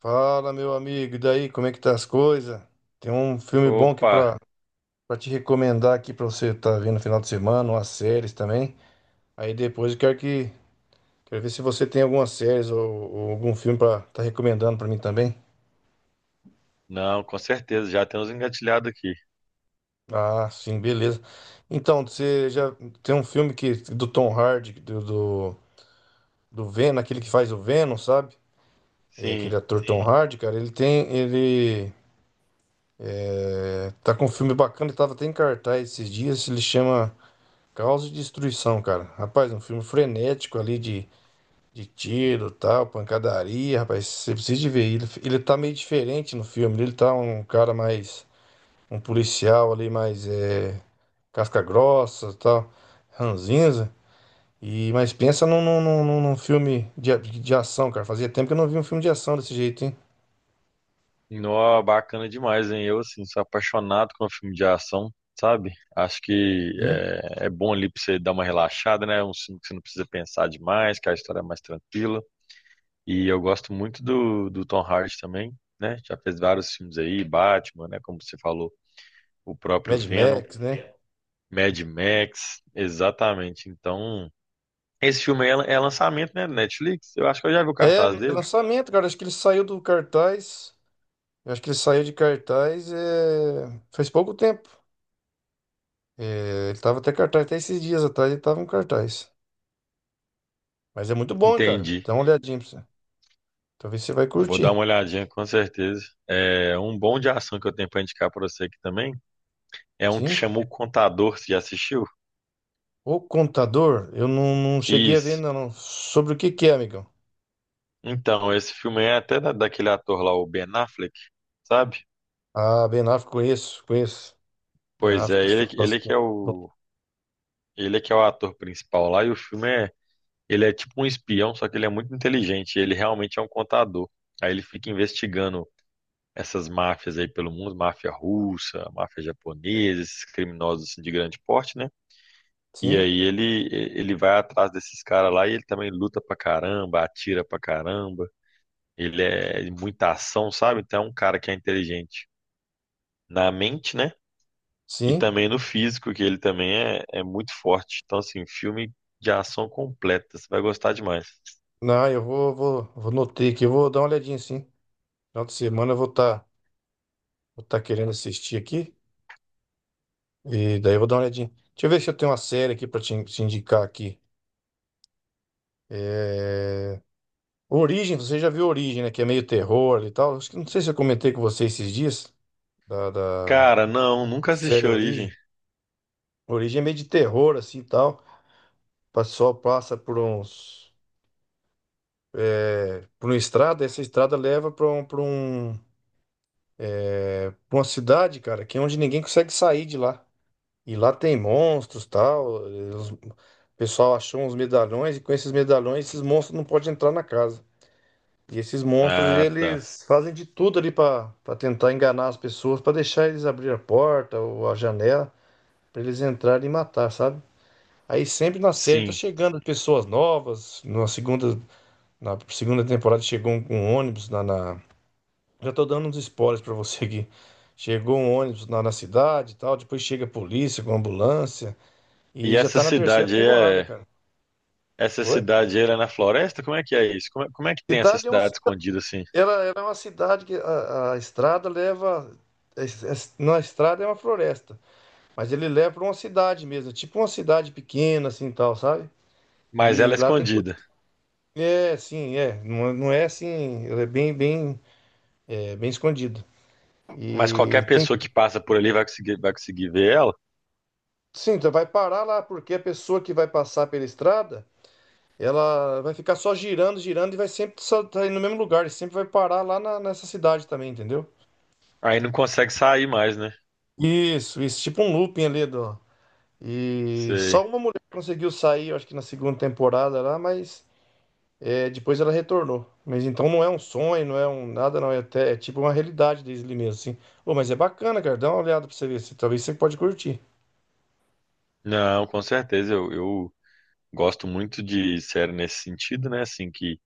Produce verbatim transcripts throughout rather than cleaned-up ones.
Fala, meu amigo, e daí, como é que tá as coisas? Tem um filme bom aqui Opa, pra, pra te recomendar aqui pra você tá vendo no final de semana, umas séries também. Aí depois eu quero que quero ver se você tem algumas séries ou, ou algum filme pra tá recomendando pra mim também. não, com certeza, já temos engatilhado aqui. Ah, sim, beleza. Então, você já tem um filme que do Tom Hardy, do, do, do Venom, aquele que faz o Venom, sabe? É, Sim, aquele ator Tom, sim, Hardy, cara, ele tem, ele é, tá com um filme bacana, ele tava até em cartaz esses dias, ele chama Caos e destruição, cara. Rapaz, um filme frenético ali de, de tiro, tal, pancadaria, rapaz. Você precisa de ver. Ele, ele tá meio diferente no filme. Ele tá um cara mais. Um policial ali mais. É, casca grossa, tal. Ranzinza. E, mas pensa num, num, num, num- num filme de, a- de ação, cara. Fazia tempo que eu não vi um filme de ação desse jeito, hein? nó bacana demais, hein? Eu, assim, sou apaixonado com filme de ação, sabe? Acho que Sim. é, é bom ali pra você dar uma relaxada, né? É um filme que você não precisa pensar demais, que a história é mais tranquila. E eu gosto muito do, do Tom Hardy também, né? Já fez vários filmes aí, Batman, né? Como você falou, o próprio Mad Venom, Max, né? Mad Max, exatamente. Então, esse filme aí é, é lançamento, né? Netflix, eu acho que eu já vi o É, cartaz é dele. lançamento, cara. Acho que ele saiu do cartaz. Eu acho que ele saiu de cartaz, é, faz pouco tempo. É, ele tava até cartaz, até esses dias atrás ele tava um cartaz. Mas é muito bom, hein, cara. Entendi. Dá uma olhadinha pra você. Talvez você vai Vou dar uma curtir. olhadinha com certeza. É um bom de ação que eu tenho para indicar para você aqui também. É um que Sim. chamou O Contador, você já assistiu? O Contador, eu não, não cheguei a ver, Isso. não. Não. Sobre o que que é, amigão? Então, esse filme é até da- daquele ator lá, o Ben Affleck, sabe? Ah, Ben Affleck, conheço, conheço. Ben Pois é, Affleck, eles ele, fazem ele que é bastante. Bom, o ele que é o ator principal lá e o filme é ele é tipo um espião, só que ele é muito inteligente, ele realmente é um contador. Aí ele fica investigando essas máfias aí pelo mundo, máfia russa, máfia japonesa, esses criminosos assim, de grande porte, né? E sim, aí ele ele vai atrás desses caras lá e ele também luta pra caramba, atira pra caramba. Ele é de muita ação, sabe? Então é um cara que é inteligente na mente, né? E sim. também no físico, que ele também é, é muito forte. Então, assim, filme de ação completa. Você vai gostar demais. Não, eu vou, vou, vou notei aqui, eu vou dar uma olhadinha, sim. Final de semana eu vou estar vou tá querendo assistir aqui. E daí eu vou dar uma olhadinha. Deixa eu ver se eu tenho uma série aqui pra te, te indicar aqui. É, Origem, você já viu Origem, né? Que é meio terror e tal. Acho que não sei se eu comentei com você esses dias da, da Cara, não, nunca assisti série Origem. Origem. Origem é meio de terror, assim e tal. O pessoal passa por uns. Por uma estrada, essa estrada leva pra um, pra um, pra uma cidade, cara, que é onde ninguém consegue sair de lá. E lá tem monstros, tal. E o pessoal achou uns medalhões, e com esses medalhões esses monstros não podem entrar na casa. E esses monstros, Ah, tá. eles fazem de tudo ali para tentar enganar as pessoas, para deixar eles abrir a porta ou a janela, para eles entrarem e matar, sabe? Aí sempre na série tá Sim. chegando pessoas novas. Na segunda, na segunda temporada chegou um, um ônibus na, na- Já tô dando uns spoilers para você aqui. Chegou um ônibus na, na cidade e tal, depois chega a polícia com ambulância. E E já essa tá na terceira cidade aí temporada, é. cara. Essa Oi? cidade aí ela é na floresta? Como é que é isso? Como é, como é que tem essa Cidade é uma, cidade escondida assim? Ela, ela é uma cidade que a, a estrada leva. é- é- Na estrada é uma floresta, mas ele leva para uma cidade mesmo, é tipo uma cidade pequena, assim tal, sabe? Mas ela E é lá tem. escondida. É, sim, é. Não, não é assim, ela é bem, bem, é, bem escondido. Mas qualquer E tem. pessoa que passa por ali vai conseguir, vai conseguir ver ela. Sim, então vai parar lá, porque a pessoa que vai passar pela estrada, ela vai ficar só girando, girando, e vai sempre só tá indo no mesmo lugar, e sempre vai parar lá na- nessa cidade também, entendeu? Aí não consegue sair mais, né? Isso, isso, tipo um looping ali do. E Sei. só uma mulher conseguiu sair, eu acho que na segunda temporada lá, mas é, depois ela retornou. Mas então não é um sonho, não é um nada, não. É, até, é tipo uma realidade Disney mesmo, assim. Ô, mas é bacana, cara. Dá uma olhada pra você ver, se talvez você pode curtir. Não, com certeza. Eu, eu gosto muito de série nesse sentido, né? Assim, que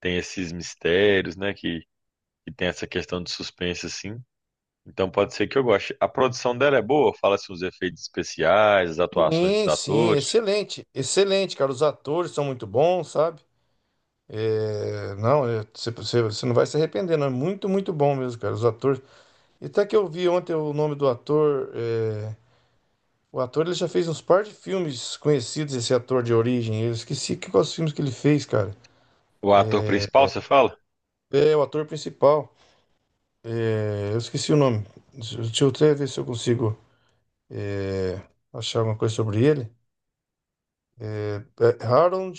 tem esses mistérios, né? Que, que tem essa questão de suspense, assim. Então pode ser que eu goste. A produção dela é boa? Fala-se os efeitos especiais, as atuações dos Sim, sim, atores. excelente. Excelente, cara. Os atores são muito bons, sabe? É, não, é, você, você, você não vai se arrepender, não. É muito, muito bom mesmo, cara. Os atores. E até que eu vi ontem o nome do ator. é, O ator ele já fez uns par de filmes conhecidos, esse ator de origem. Eu esqueci que- quais filmes que ele fez, cara. O ator principal, você fala? É o ator principal. É, eu esqueci o nome. Deixa deixa eu até ver se eu consigo é, achar alguma coisa sobre ele. É, Harold.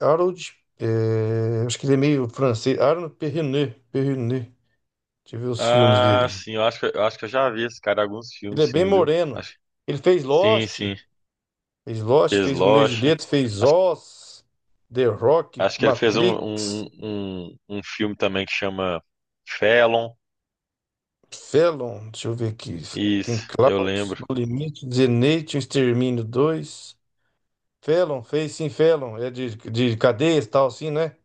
Harold. É, acho que ele é meio francês. Harold Perrineau. Perrineau. Deixa eu ver os filmes Ah, dele. sim. Eu acho que, eu acho que eu já vi esse cara em alguns Ele é filmes, bem sim, viu? moreno. Acho, Ele fez sim, Lost. sim. Fez Lost, Fez fez Romeo e Lost. Julieta, fez Acho Oz, The Rock, Acho que ele fez um, um, Matrix. um, um um filme também que chama Felon. Felon, deixa eu ver aqui. Tem Isso, eu Klaus, lembro. No Limite, Zenith, O Extermínio dois. Felon, fez sim, Felon. É de, de cadeias e tal, assim, né?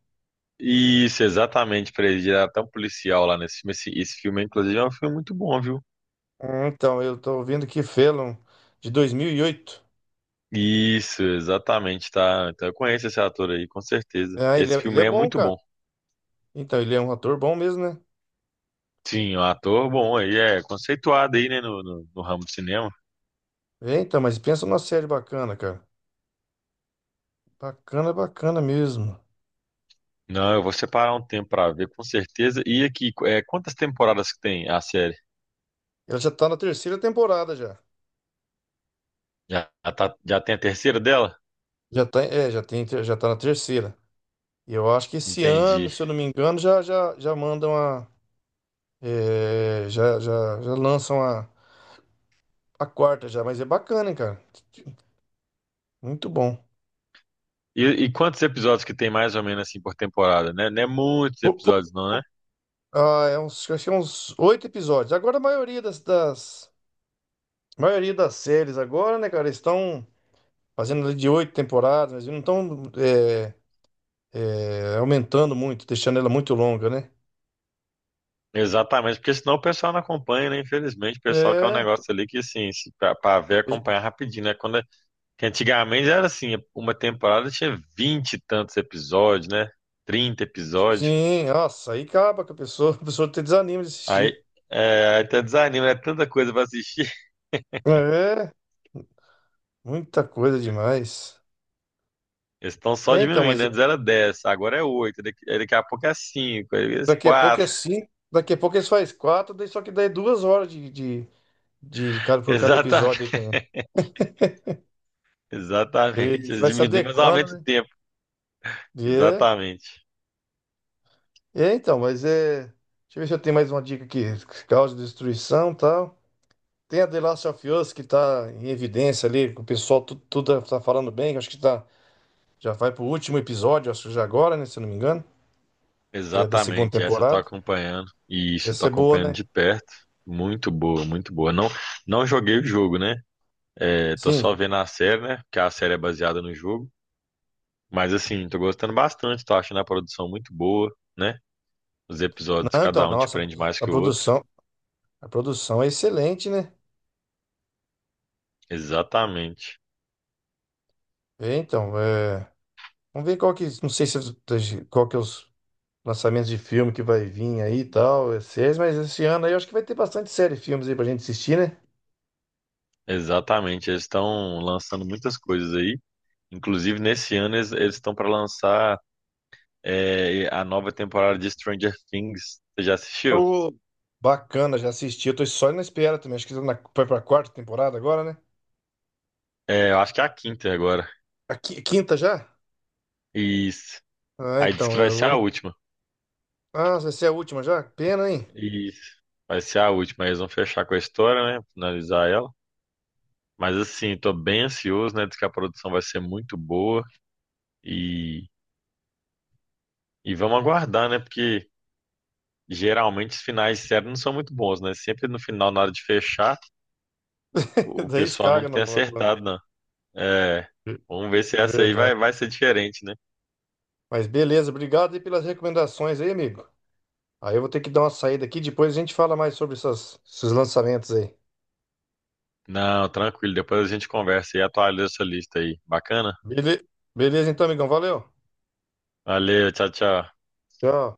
Isso, exatamente, pra ele virar até um policial lá nesse filme. Esse, esse filme, inclusive, é um filme muito bom, viu? Hum, Então, eu tô vendo que Felon, de dois mil e oito. Isso, exatamente, tá? Então eu conheço esse ator aí, com certeza. Ah, ele é, Esse ele filme é aí é bom, muito cara. bom. Então, ele é um ator bom mesmo, né? Sim, um ator bom aí, é conceituado aí, né, no, no, no ramo do cinema. É, então, mas pensa numa série bacana, cara. Bacana, bacana mesmo. Não, eu vou separar um tempo pra ver, com certeza. E aqui, é, quantas temporadas que tem a série? Ela já tá na terceira temporada já. Já, já, tá- já tem a terceira dela? Já tá, é, já tem, já tá na terceira. E eu acho que esse Entendi. ano, se eu não me engano, já, já, já mandam a. É, já, já, já lançam a, a quarta já, mas é bacana, hein, cara. Muito bom. E, e quantos episódios que tem mais ou menos assim por temporada, né? Não é muitos Po- po- episódios, não, né? ah, é uns, acho que é uns oito episódios. Agora a maioria das, das- a maioria das séries agora, né, cara, estão fazendo ali de oito temporadas, mas não estão é, é, aumentando muito, deixando ela muito longa, né? Exatamente, porque senão o pessoal não acompanha, né? Infelizmente, o pessoal quer um É, negócio ali que, assim, se- pra, pra ver, e- acompanhar rapidinho, né? Quando, é, que antigamente era assim, uma temporada tinha vinte e tantos episódios, né? Trinta episódios. sim, nossa, aí acaba que a pessoa, a pessoa te desanima de Aí, assistir. é, aí até desanima, é tanta coisa pra assistir. É, muita coisa demais. Eles estão só É, então, diminuindo, mas antes era dez, agora é oito, daqui, aí daqui a pouco é cinco, aí é daqui a pouco é quatro. cinco, daqui a pouco eles faz quatro, daí só que daí é duas horas de, de, de, de cada, por cada Exatamente, episódio. Aí também. exatamente. Eles Eles vai se diminuem, mas adequando, aumenta o né? tempo. E É, Exatamente. é, então, mas é. Deixa eu ver se eu tenho mais uma dica aqui. Causa de destruição e tal. Tem a The Last of Us que tá em evidência ali, que o pessoal tudo, tudo tá tá falando bem. Que acho que tá, já vai pro último episódio, acho que já agora, né? Se eu não me engano. É da segunda Exatamente. Essa eu tô temporada. acompanhando. E isso, eu tô Essa é boa, acompanhando né? de perto. Muito boa, muito boa. Não, não joguei o jogo, né? É, tô Sim. só vendo a série, né? Porque a série é baseada no jogo. Mas assim, tô gostando bastante, tô achando a produção muito boa, né? Os episódios, Não, então, cada um te nossa, a prende produ- mais a que o outro. produção, a produção é excelente, né? Exatamente. É, então, é. Vamos ver qual que. Não sei se qual que é os lançamentos de filme que vai vir aí e tal, é séries, mas esse ano aí eu acho que vai ter bastante série e filmes aí pra gente assistir, né? Exatamente. Eles estão lançando muitas coisas aí. Inclusive, nesse ano, eles eles estão para lançar. É, a nova temporada de Stranger Things. Você já assistiu? Tô bacana, já assisti. Eu tô só na espera também. Acho que tá na- vai pra quarta temporada agora, né? É, eu acho que é a quinta agora. A qui- quinta já? Isso. Ah, Aí diz então, que vai eu ser a vou. última. Ah, vai ser a última já? Pena, hein? Isso. Vai ser a última. Eles vão fechar com a história, né? Finalizar ela. Mas assim, tô bem ansioso, né? Diz que a produção vai ser muito boa. E, e vamos aguardar, né? Porque geralmente os finais de série não são muito bons, né? Sempre no final, na hora de fechar, o Daí pessoal não escaga na. tem acertado, na- não. É, vamos ver se essa aí Verdade. vai, vai ser diferente, né? Mas beleza, obrigado aí pelas recomendações aí, amigo. Aí eu vou ter que dar uma saída aqui, depois a gente fala mais sobre essas- esses lançamentos aí. Não, tranquilo. Depois a gente conversa e atualiza essa lista aí. Bacana? Bele- Beleza, então, amigão. Valeu. Valeu, tchau, tchau. Tchau.